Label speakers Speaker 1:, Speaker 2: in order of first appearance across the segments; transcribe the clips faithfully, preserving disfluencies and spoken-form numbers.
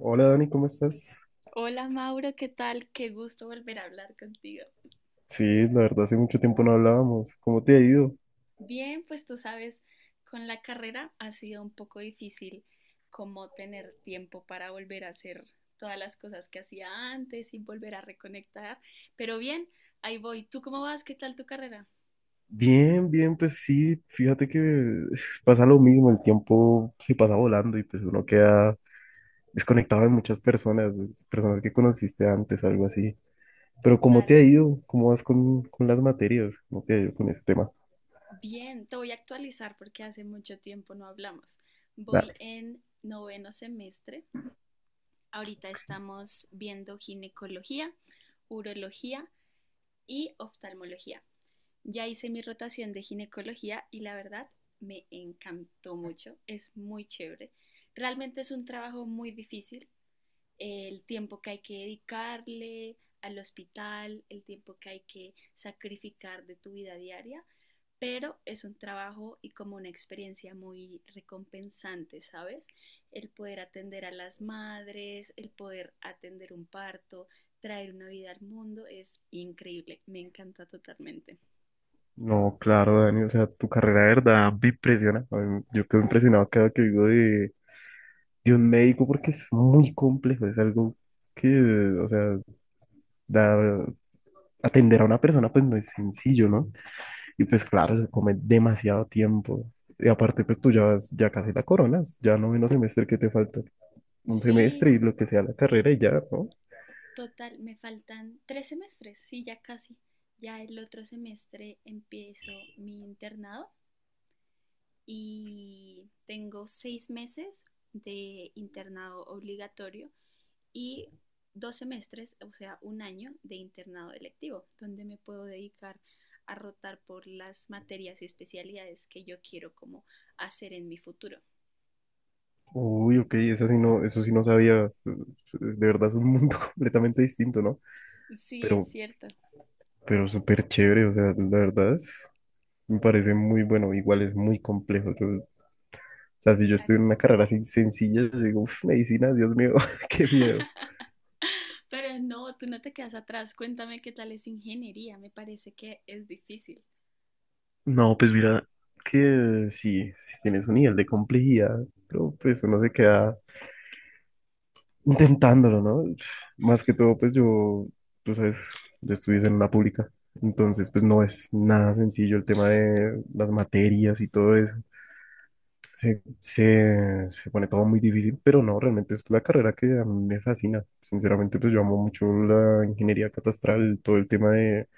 Speaker 1: Hola Dani, ¿cómo estás?
Speaker 2: Hola Mauro, ¿qué tal? Qué gusto volver a hablar contigo.
Speaker 1: Sí, la verdad hace mucho tiempo no hablábamos. ¿Cómo te ha ido?
Speaker 2: Bien, pues tú sabes, con la carrera ha sido un poco difícil como tener tiempo para volver a hacer todas las cosas que hacía antes y volver a reconectar. Pero bien, ahí voy. ¿Tú cómo vas? ¿Qué tal tu carrera?
Speaker 1: Bien, bien, pues sí, fíjate que es- pasa lo mismo, el tiempo se pasa volando y pues uno queda desconectado de muchas personas, de personas que conociste antes, algo así. Pero ¿cómo te
Speaker 2: Total.
Speaker 1: ha ido? ¿Cómo vas con, con las materias? ¿Cómo te ha ido con ese tema?
Speaker 2: Bien, te voy a actualizar porque hace mucho tiempo no hablamos. Voy
Speaker 1: Dale.
Speaker 2: en noveno semestre. Ahorita estamos viendo ginecología, urología y oftalmología. Ya hice mi rotación de ginecología y la verdad me encantó mucho, es muy chévere. Realmente es un trabajo muy difícil, el tiempo que hay que dedicarle al hospital, el tiempo que hay que sacrificar de tu vida diaria, pero es un trabajo y como una experiencia muy recompensante, ¿sabes? El poder atender a las madres, el poder atender un parto, traer una vida al mundo, es increíble, me encanta totalmente.
Speaker 1: No, claro, Dani, o sea, tu carrera de verdad me impresiona. A mí- yo quedo impresionado cada que digo de un médico porque es muy complejo, es algo que, o sea, da- atender a una persona pues no es sencillo, ¿no? Y pues claro, se come demasiado tiempo. Y aparte pues tú ya vas, ya casi la coronas, ya noveno semestre que te falta, un
Speaker 2: Sí,
Speaker 1: semestre y lo que sea la carrera y ya, ¿no?
Speaker 2: total, me faltan tres semestres, sí, ya casi. Ya el otro semestre empiezo mi internado y tengo seis meses de internado obligatorio y dos semestres, o sea, un año de internado electivo, donde me puedo dedicar a rotar por las materias y especialidades que yo quiero como hacer en mi futuro.
Speaker 1: Uy, ok, eso sí no, eso sí no sabía, pues, de verdad es un mundo completamente distinto, ¿no?
Speaker 2: Sí, es
Speaker 1: Pero,
Speaker 2: cierto.
Speaker 1: pero súper chévere, o sea, la verdad es, me parece muy bueno, igual es muy complejo. Yo O sea, si yo estuviera en
Speaker 2: Así
Speaker 1: una
Speaker 2: es.
Speaker 1: carrera así sencilla, yo digo, uff, medicina, Dios mío, qué miedo.
Speaker 2: Pero no, tú no te quedas atrás. Cuéntame qué tal es ingeniería. Me parece que es difícil.
Speaker 1: No, pues mira, que sí, sí tienes un nivel de complejidad, pero pues uno se queda intentándolo, ¿no? Más que todo, pues yo, tú sabes, yo estudié en una pública, entonces pues no es nada sencillo el tema de las materias y todo eso. Se, se, se pone todo muy difícil, pero no, realmente es la carrera que a mí me fascina. Sinceramente, pues yo amo mucho la ingeniería catastral, todo el tema de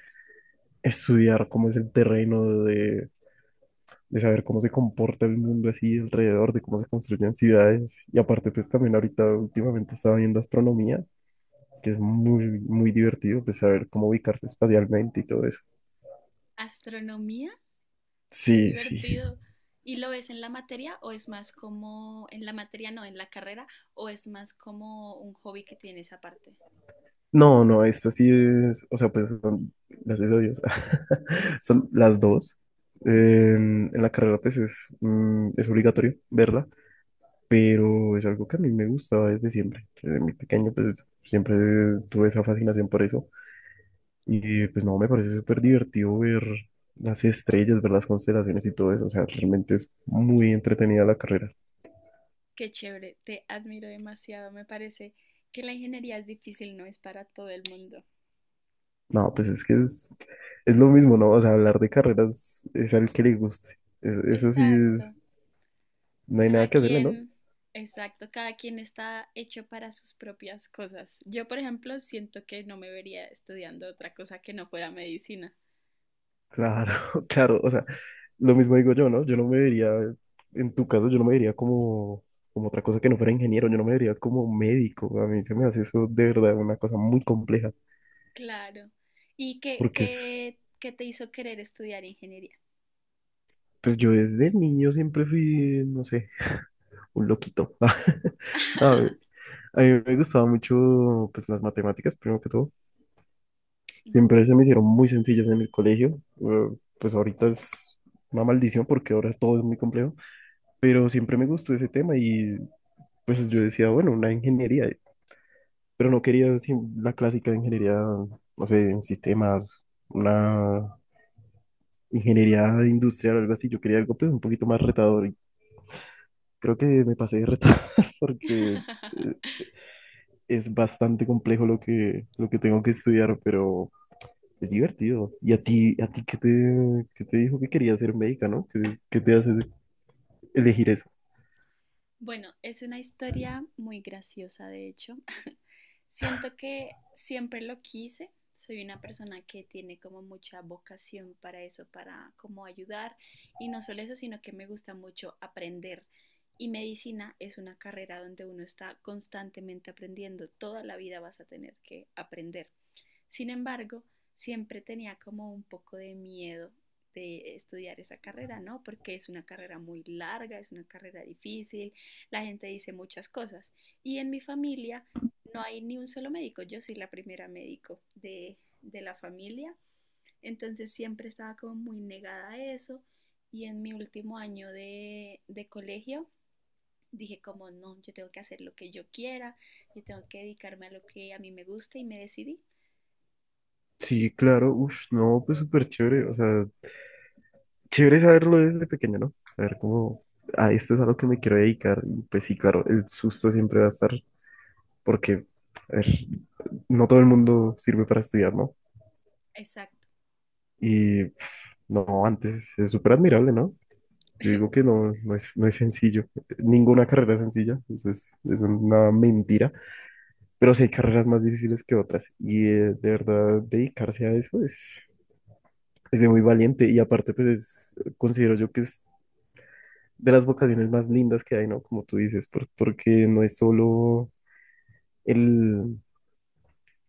Speaker 1: estudiar cómo es el terreno, de, de saber cómo se comporta el mundo así alrededor, de cómo se construyen ciudades. Y aparte, pues también ahorita últimamente estaba viendo astronomía, que es muy, muy divertido, pues saber cómo ubicarse espacialmente y todo eso.
Speaker 2: Astronomía, qué
Speaker 1: Sí, sí.
Speaker 2: divertido. ¿Y lo ves en la materia o es más como, en la materia no, en la carrera, o es más como un hobby que tienes aparte?
Speaker 1: No, no, esta sí es, o sea, pues son, gracias a Dios, son las dos. En, en la carrera, pues es, mm, es obligatorio verla, pero es algo que a mí me gustaba desde siempre. Desde muy pequeño, pues siempre tuve esa fascinación por eso. Y pues no, me parece súper divertido ver las estrellas, ver las constelaciones y todo eso. O sea, realmente es muy entretenida la carrera.
Speaker 2: Qué chévere, te admiro demasiado. Me parece que la ingeniería es difícil, no es para todo el mundo.
Speaker 1: No, pues es que es, es lo mismo, ¿no? O sea, hablar de carreras es al que le guste. Es- eso sí es,
Speaker 2: Exacto.
Speaker 1: no hay nada
Speaker 2: Cada
Speaker 1: que hacerle, ¿no?
Speaker 2: quien, exacto, cada quien está hecho para sus propias cosas. Yo, por ejemplo, siento que no me vería estudiando otra cosa que no fuera medicina.
Speaker 1: Claro, claro. O sea, lo mismo digo yo, ¿no? Yo no me vería, en tu caso, yo no me vería como, como otra cosa que no fuera ingeniero, yo no me vería como médico. A mí se me hace eso de verdad una cosa muy compleja,
Speaker 2: Claro. ¿Y qué,
Speaker 1: porque es,
Speaker 2: qué, qué te hizo querer estudiar ingeniería?
Speaker 1: pues yo desde niño siempre fui, no sé, un loquito. No, a mí me gustaba mucho, pues las matemáticas, primero que todo. Siempre se
Speaker 2: Ujú.
Speaker 1: me hicieron muy sencillas en el colegio. Eh, Pues ahorita es una maldición porque ahora todo es muy complejo, pero siempre me gustó ese tema y pues yo decía, bueno, una ingeniería. Pero no quería sí, la clásica de ingeniería, no sé, en sistemas, una ingeniería industrial o algo así. Yo quería algo pues, un poquito más retador y creo que me pasé de retar porque eh, es bastante complejo lo que, lo que tengo que estudiar, pero es divertido. ¿Y a ti, a ti qué te, qué te dijo que querías ser médica, ¿no? ¿Qué, ¿qué te hace elegir eso?
Speaker 2: Bueno, es una historia muy graciosa, de hecho. Siento que siempre lo quise. Soy una persona que tiene como mucha vocación para eso, para como ayudar. Y no solo eso, sino que me gusta mucho aprender. Y medicina es una carrera donde uno está constantemente aprendiendo. Toda la vida vas a tener que aprender. Sin embargo, siempre tenía como un poco de miedo de estudiar esa carrera, ¿no? Porque es una carrera muy larga, es una carrera difícil, la gente dice muchas cosas. Y en mi familia no hay ni un solo médico, yo soy la primera médico de, de la familia, entonces siempre estaba como muy negada a eso. Y en mi último año de, de colegio dije como, no, yo tengo que hacer lo que yo quiera, yo tengo que dedicarme a lo que a mí me gusta y me decidí.
Speaker 1: Sí, claro, uff, no, pues súper chévere, o sea, chévere saberlo desde pequeño, ¿no? Saber cómo, ah, esto es a lo que me quiero dedicar. Y pues sí, claro, el susto siempre va a estar, porque, a ver, no todo el mundo sirve para estudiar, ¿no?
Speaker 2: Exacto.
Speaker 1: Y pf, no, antes es súper admirable, ¿no? Yo digo que no, no es, no es sencillo. Ninguna carrera es sencilla, eso es, es una mentira. Pero sí hay carreras más difíciles que otras. Y eh, de verdad, dedicarse a eso es, es de muy valiente. Y aparte, pues es- considero yo que es de las vocaciones más lindas que hay, ¿no? Como tú dices, por- porque no es solo el,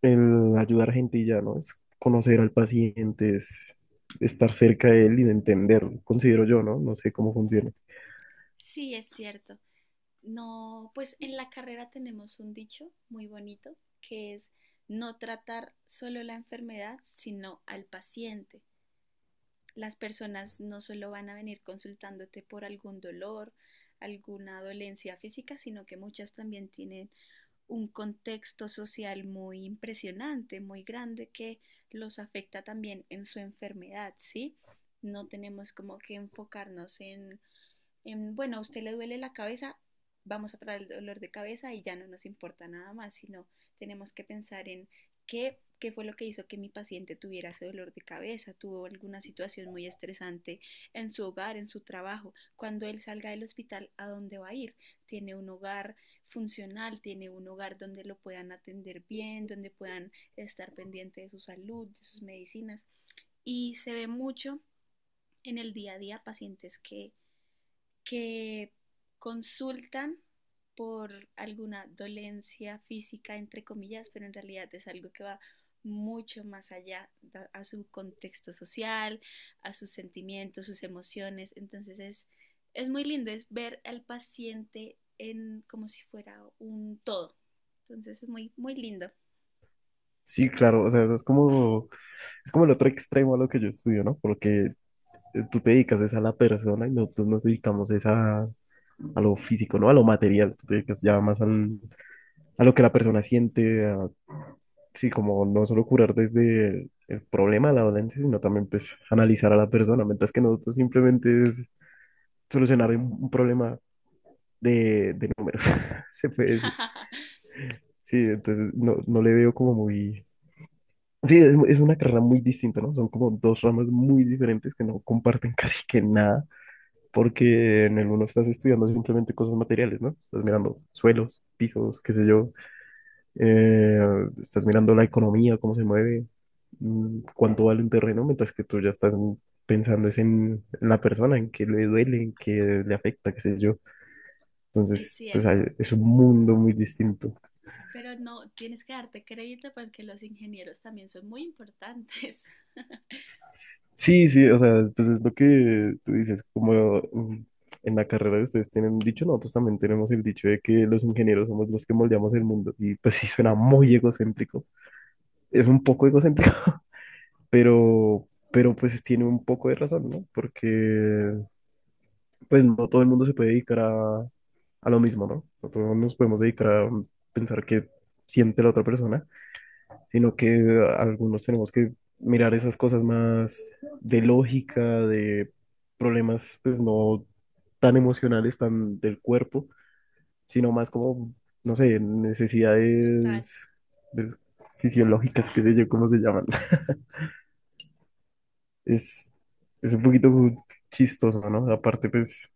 Speaker 1: el ayudar gente y ya, ¿no? Es conocer al paciente, es estar cerca de él y de entenderlo, considero yo, ¿no? No sé cómo funciona.
Speaker 2: Sí, es cierto. No, pues en la carrera tenemos un dicho muy bonito que es no tratar solo la enfermedad, sino al paciente. Las personas no solo van a venir consultándote por algún dolor, alguna dolencia física, sino que muchas también tienen un contexto social muy impresionante, muy grande, que los afecta también en su enfermedad, ¿sí? No tenemos como que enfocarnos en, en, bueno, a usted le duele la cabeza, vamos a traer el dolor de cabeza y ya no nos importa nada más, sino tenemos que pensar en qué, qué fue lo que hizo que mi paciente tuviera ese dolor de cabeza, tuvo alguna situación muy estresante en su hogar, en su trabajo. Cuando él salga del hospital, ¿a dónde va a ir? ¿Tiene un hogar funcional, tiene un hogar donde lo puedan atender bien, donde puedan estar pendiente de su salud, de sus medicinas? Y se ve mucho en el día a día pacientes que que consultan por alguna dolencia física, entre comillas, pero en realidad es algo que va mucho más allá a su contexto social, a sus sentimientos, sus emociones. Entonces es, es muy lindo, es ver al paciente en como si fuera un todo. Entonces es muy, muy lindo.
Speaker 1: Sí, claro, o sea, eso es como, es como el otro extremo a lo que yo estudio, ¿no? Porque eh, tú te dedicas es a la persona y nosotros nos dedicamos es a, a lo físico, ¿no? A lo material, tú te dedicas ya más al, a lo que la persona siente, a, sí, como no solo curar desde el, el problema, de la dolencia, sino también pues analizar a la persona, mientras que nosotros simplemente es solucionar un, un problema de, de números, se puede decir. Sí, entonces no, no le veo como muy... Sí, es, es una carrera muy distinta, ¿no? Son como dos ramas muy diferentes que no comparten casi que nada, porque en el uno estás estudiando simplemente cosas materiales, ¿no? Estás mirando suelos, pisos, qué sé yo, eh, estás mirando la economía, cómo se mueve, mm, cuánto vale un terreno, mientras que tú ya estás en- pensando es en, en la persona, en qué le duele, en qué le afecta, qué sé yo.
Speaker 2: Es
Speaker 1: Entonces, pues hay-
Speaker 2: cierto,
Speaker 1: es un mundo muy distinto.
Speaker 2: pero no, tienes que darte crédito porque los ingenieros también son muy importantes.
Speaker 1: Sí, sí, o sea, pues es lo que tú dices, como mm, en la carrera de ustedes tienen un dicho, nosotros también tenemos el dicho de que los ingenieros somos los que moldeamos el mundo. Y pues sí, suena muy egocéntrico. Es un poco egocéntrico, pero, pero pues tiene un poco de razón, ¿no? Porque pues no todo el mundo se puede dedicar a, a lo mismo, ¿no? No todos nos podemos dedicar a pensar qué siente la otra persona, sino que algunos tenemos que mirar esas cosas más de lógica, de problemas, pues no tan emocionales, tan del cuerpo, sino más como, no sé,
Speaker 2: Total.
Speaker 1: necesidades de- fisiológicas, qué sé yo, cómo se llaman. Es, es un poquito chistoso, ¿no? Aparte, pues